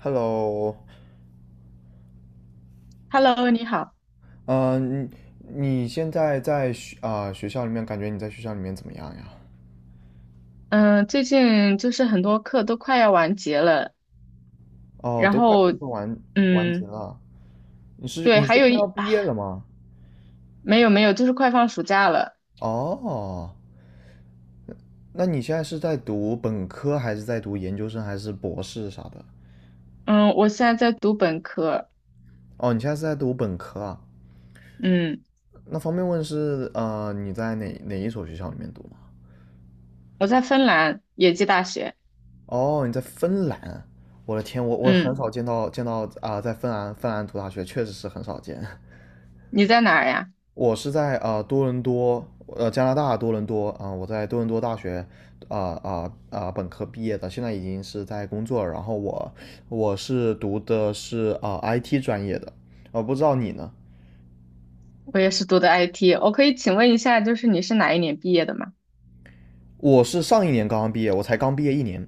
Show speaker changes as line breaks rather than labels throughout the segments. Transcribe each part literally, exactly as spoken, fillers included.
Hello，
Hello，你好。
嗯、你你现在在学啊、学校里面，感觉你在学校里面怎么样呀？
嗯，最近就是很多课都快要完结了，
哦，
然
都快
后，
都快完完结
嗯，
了，你是
对，
你
还
是
有
快要
一
毕
啊，
业了吗？
没有没有，就是快放暑假了。
哦，那你现在是在读本科，还是在读研究生，还是博士啥的？
嗯，我现在在读本科。
哦，你现在是在读本科啊？
嗯，
那方便问是呃你在哪哪一所学校里面读吗？
我在芬兰野鸡大学。
哦，你在芬兰，我的天，我我很
嗯，
少见到见到啊、在芬兰芬兰读大学，确实是很少见。
你在哪儿呀？
我是在呃多伦多，呃加拿大多伦多啊、呃我在多伦多大学啊啊啊本科毕业的，现在已经是在工作了。然后我我是读的是啊、I T 专业的，呃不知道你呢？
我也是读的 I T。我可以请问一下，就是你是哪一年毕业的吗？
我是上一年刚刚毕业，我才刚毕业一年。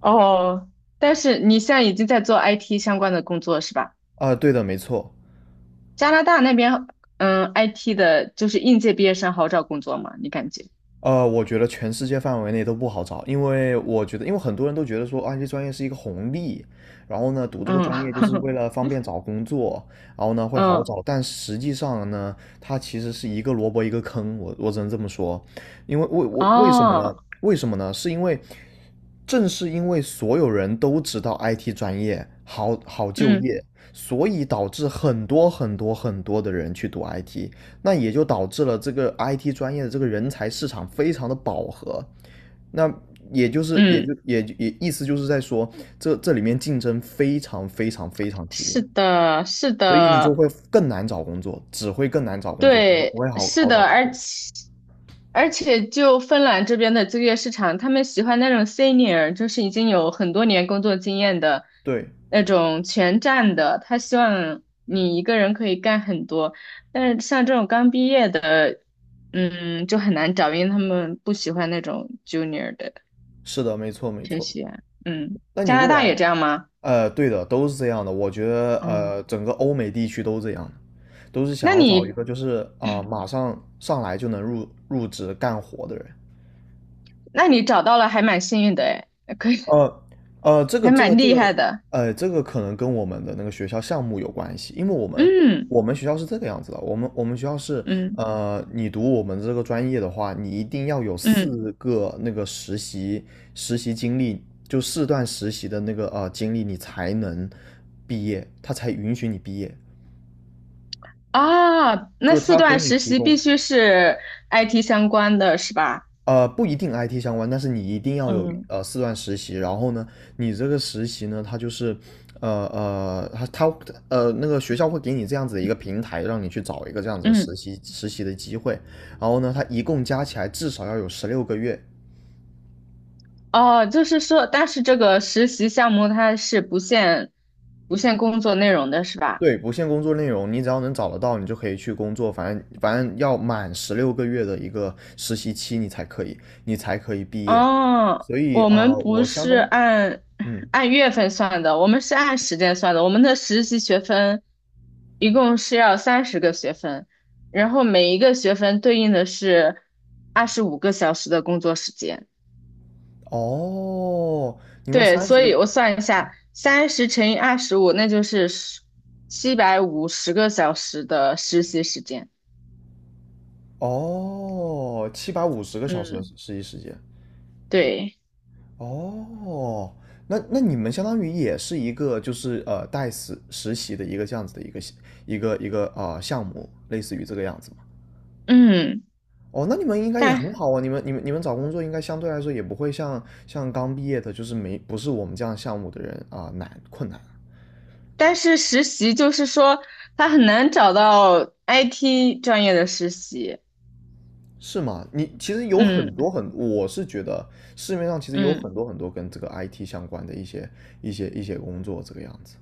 哦，但是你现在已经在做 I T 相关的工作是吧？
啊、呃对的，没错。
加拿大那边，嗯，I T 的就是应届毕业生好找工作吗？你感觉？
呃，我觉得全世界范围内都不好找，因为我觉得，因为很多人都觉得说 I T 专业是一个红利，然后呢，读这个
嗯
专业就是为 了方便找工作，然后呢会好
嗯
找，但实际上呢，它其实是一个萝卜一个坑，我我只能这么说，因为为我为什么呢？
哦
为什么呢？是因为正是因为所有人都知道 I T 专业好好就
嗯
业，所以导致很多很多很多的人去读 I T,那也就导致了这个 I T 专业的这个人才市场非常的饱和。那也就是也
嗯，
就也也意思就是在说，这这里面竞争非常非常非常激烈，
是的，是
所以你就
的。
会更难找工作，只会更难找工作，不会不
对，
会好
是
好找
的，
工
而
作。
且而且就芬兰这边的就业市场，他们喜欢那种 senior，就是已经有很多年工作经验的
对，
那种全站的，他希望你一个人可以干很多，但是像这种刚毕业的，嗯，就很难找，因为他们不喜欢那种 junior 的
是的，没错没
学
错。
习员。嗯，
那你
加拿
未
大也
来，
这样吗？
呃，对的，都是这样的。我觉得，
嗯。
呃，整个欧美地区都这样，都是想
那
要找一
你
个就是啊、呃马上上来就能入入职干活的人。
那你找到了，还蛮幸运的哎，可以，
呃呃这个
还
这个
蛮
这
厉
个，
害的。
呃，这个可能跟我们的那个学校项目有关系，因为我们
嗯
我们学校是这个样子的，我们我们学校是，
嗯
呃，你读我们这个专业的话，你一定要有
嗯
四个那个实习实习经历，就四段实习的那个呃经历，你才能毕业，他才允许你毕业，
啊，
就
那
是
四
他给
段
你
实
提
习必
供。
须是 I T 相关的是吧？
呃，不一定 I T 相关，但是你一定要有
嗯
呃四段实习。然后呢，你这个实习呢，它就是呃呃，他他呃那个学校会给你这样子的一个平台，让你去找一个这样子的实
嗯
习实习的机会。然后呢，它一共加起来至少要有十六个月。
哦，就是说，但是这个实习项目它是不限不限工作内容的是吧？
对，不限工作内容，你只要能找得到，你就可以去工作。反正反正要满十六个月的一个实习期，你才可以，你才可以毕业。
哦，
所以
我
啊、
们
呃
不
我相
是
当
按
嗯，
按月份算的，我们是按时间算的。我们的实习学分一共是要三十个学分，然后每一个学分对应的是二十五个小时的工作时间。
哦，你们
对，
三十
所
个
以我算一下，三十乘以二十五，那就是七百五十个小时的实习时间。
哦，七百五十个小时的实
嗯，
习时间。
对，
哦，那那你们相当于也是一个就是呃带实实习的一个这样子的一个一个一个啊、呃项目，类似于这个样子嘛？
嗯，
哦，那你们应该也很
但
好啊，你们你们你们找工作应该相对来说也不会像像刚毕业的，就是没不是我们这样项目的人啊、难困难。
但是实习就是说，他很难找到 I T 专业的实习。
是吗？你其实有很多
嗯
很，我是觉得市面上其实有很
嗯
多很多跟这个 I T 相关的一些一些一些工作这个样子。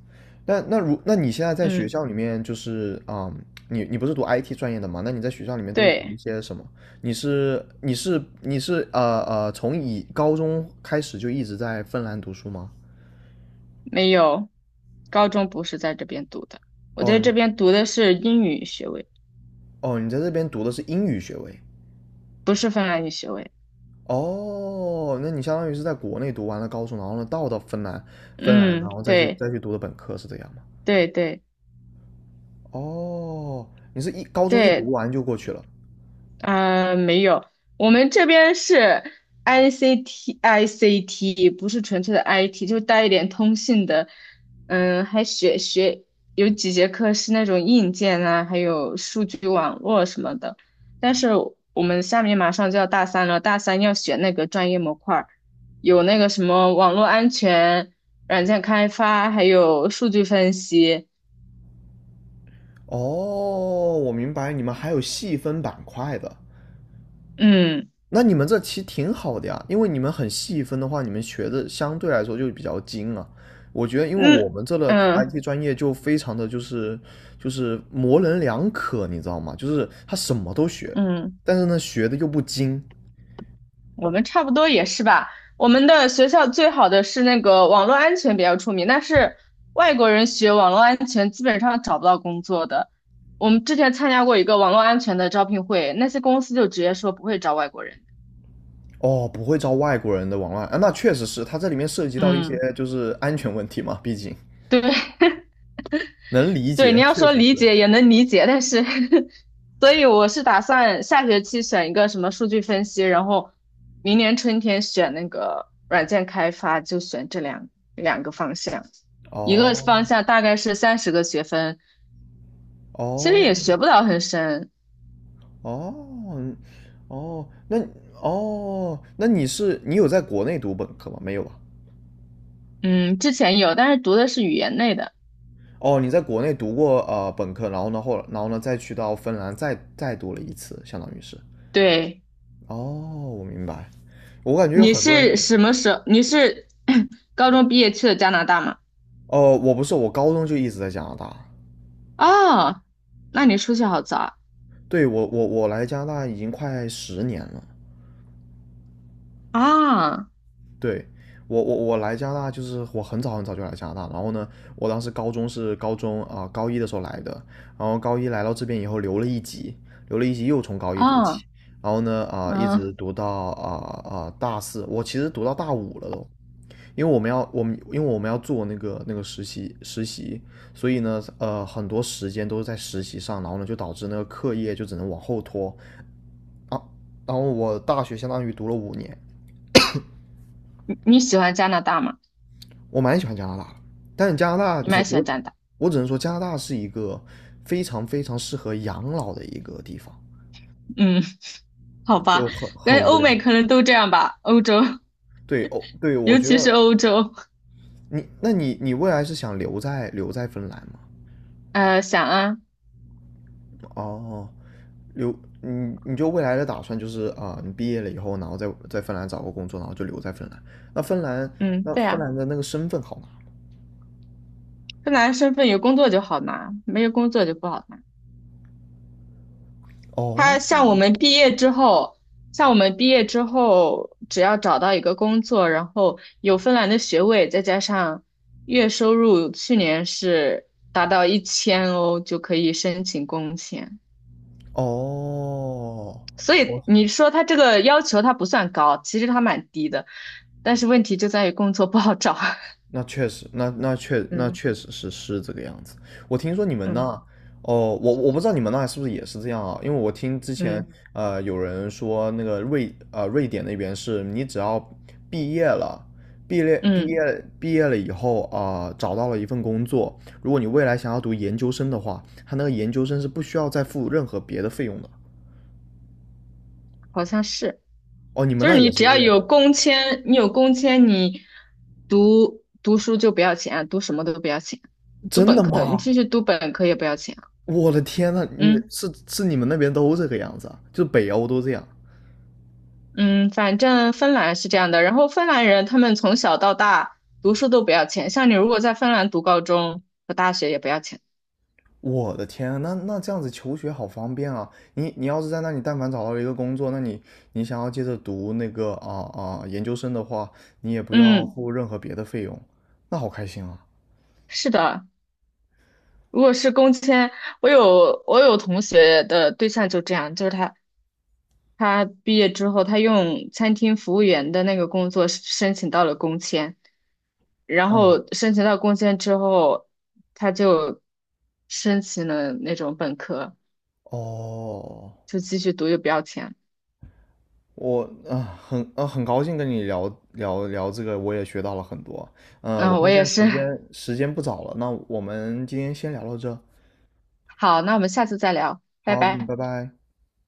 那那如那你现在在学
嗯，
校里面就是啊、嗯你你不是读 I T 专业的嘛？那你在学校里面都是读一
对，
些什么？你是你是你是呃呃，从以高中开始就一直在芬兰读书吗？
没有，高中不是在这边读的，我
哦，
在
你
这边读的是英语学位，
哦，你在这边读的是英语学位。
不是芬兰语学位。
哦，那你相当于是在国内读完了高中，然后呢到到芬兰，芬兰
嗯，
然后再去
对
再去读的本科是这样吗？
对对
哦，你是一高中一读
对，
完就过去了。
呃，没有，我们这边是 I C T I C T，不是纯粹的 I T，就带一点通信的。嗯，还学学有几节课是那种硬件啊，还有数据网络什么的。但是我们下面马上就要大三了，大三要选那个专业模块儿，有那个什么网络安全、软件开发，还有数据分析。
哦，我明白，你们还有细分板块的，
嗯
那你们这其实挺好的呀，因为你们很细分的话，你们学的相对来说就比较精啊。我觉得，因为我
嗯
们这的
嗯
I T 专业就非常的就是就是模棱两可，你知道吗？就是他什么都学，
嗯。
但是呢学的又不精，
我们差不多也是吧。我们的学校最好的是那个网络安全比较出名，但是外国人学网络安全基本上找不到工作的。我们之前参加过一个网络安全的招聘会，那些公司就直接说不会招外国人。
哦，不会招外国人的往外啊，那确实是，它这里面涉及到一些
嗯，
就是安全问题嘛，毕竟
对，
能理
对，你
解。
要
确
说理解也能理解，但是，所以我是打算下学期选一个什么数据分析，然后明年春天选那个软件开发，就选这两两个方向。一个方
哦
向大概是三十个学分，其实也学
哦
不到很深。
哦嗯哦，那哦，那你是你有在国内读本科吗？没有吧？
嗯，之前有，但是读的是语言类的。
哦，你在国内读过呃本科，然后呢后然后呢再去到芬兰再再读了一次，相当于是。
对，
哦，我明白。我感觉有
你
很多人，
是什么时候？你是 高中毕业去的加拿大吗？
哦，我不是，我高中就一直在加拿大。
哦，那你出去好早
对，我我我来加拿大已经快十年了。
啊！啊
对，我我我来加拿大就是我很早很早就来加拿大，然后呢，我当时高中是高中啊、呃高一的时候来的，然后高一来到这边以后留了一级，留了一级又从高一读起，
啊，
然后呢啊、一
嗯。
直读到啊啊、大四，我其实读到大五了都，因为我们要我们因为我们要做那个那个实习实习，所以呢呃很多时间都是在实习上，然后呢就导致那个课业就只能往后拖，啊，然后我大学相当于读了五年，
你喜欢加拿大吗？
我蛮喜欢加拿大的，但加拿大
你蛮
只
喜
我
欢加拿大。
我只能说加拿大是一个非常非常适合养老的一个地方，
嗯，好吧，
就很
感
很
觉
无
欧
聊。
美可能都这样吧，欧洲，
对哦，对，我
尤
觉
其是
得，
欧洲。
你那你你未来是想留在留在芬兰吗？
呃，想啊。
哦，留你你就未来的打算就是啊、你毕业了以后，然后在在芬兰找个工作，然后就留在芬兰。那芬兰
嗯，
那
对
芬
啊，
兰的那个身份好吗？
芬兰身份有工作就好拿，没有工作就不好拿。他
哦
像我们毕业之后，像我们毕业之后，只要找到一个工作，然后有芬兰的学位，再加上月收入去年是达到一千欧，就可以申请工签。
哦，
所
我
以你说他这个要求他不算高，其实他蛮低的，但是问题就在于工作不好找。
那确实，那那确那
嗯
确实是是这个样子。我听说你们那，
嗯
哦，我我不知道你们那是不是也是这样啊？因为我听之前
嗯
呃有人说那个瑞呃瑞典那边是你只要毕业了，毕业毕
嗯，
业毕业了以后啊、找到了一份工作，如果你未来想要读研究生的话，他那个研究生是不需要再付任何别的费用的。
好像是，
哦，你们
就是
那
你
也
只
是这
要
样？
有工签，你有工签，你读读书就不要钱，读什么都不要钱，读
真
本
的
科，你
吗？
继续读本科也不要钱。
我的天呐，你
嗯
是是你们那边都这个样子啊？就北欧都这样。
嗯，反正芬兰是这样的，然后芬兰人他们从小到大读书都不要钱，像你如果在芬兰读高中和大学也不要钱。
我的天啊，那那这样子求学好方便啊！你你要是在那里，但凡找到了一个工作，那你你想要接着读那个啊啊研究生的话，你也不要
嗯，
付任何别的费用，那好开心啊！
是的。如果是工签，我有我有同学的对象就这样，就是他他毕业之后，他用餐厅服务员的那个工作申请到了工签，然
嗯，
后申请到工签之后，他就申请了那种本科，
哦，
就继续读又不要钱。
我啊很啊很高兴跟你聊聊聊这个，我也学到了很多。嗯、我
嗯，我
看现
也
在
是。
时 间时间不早了，那我们今天先聊到这。
好，那我们下次再聊，拜
好，嗯
拜。
拜拜。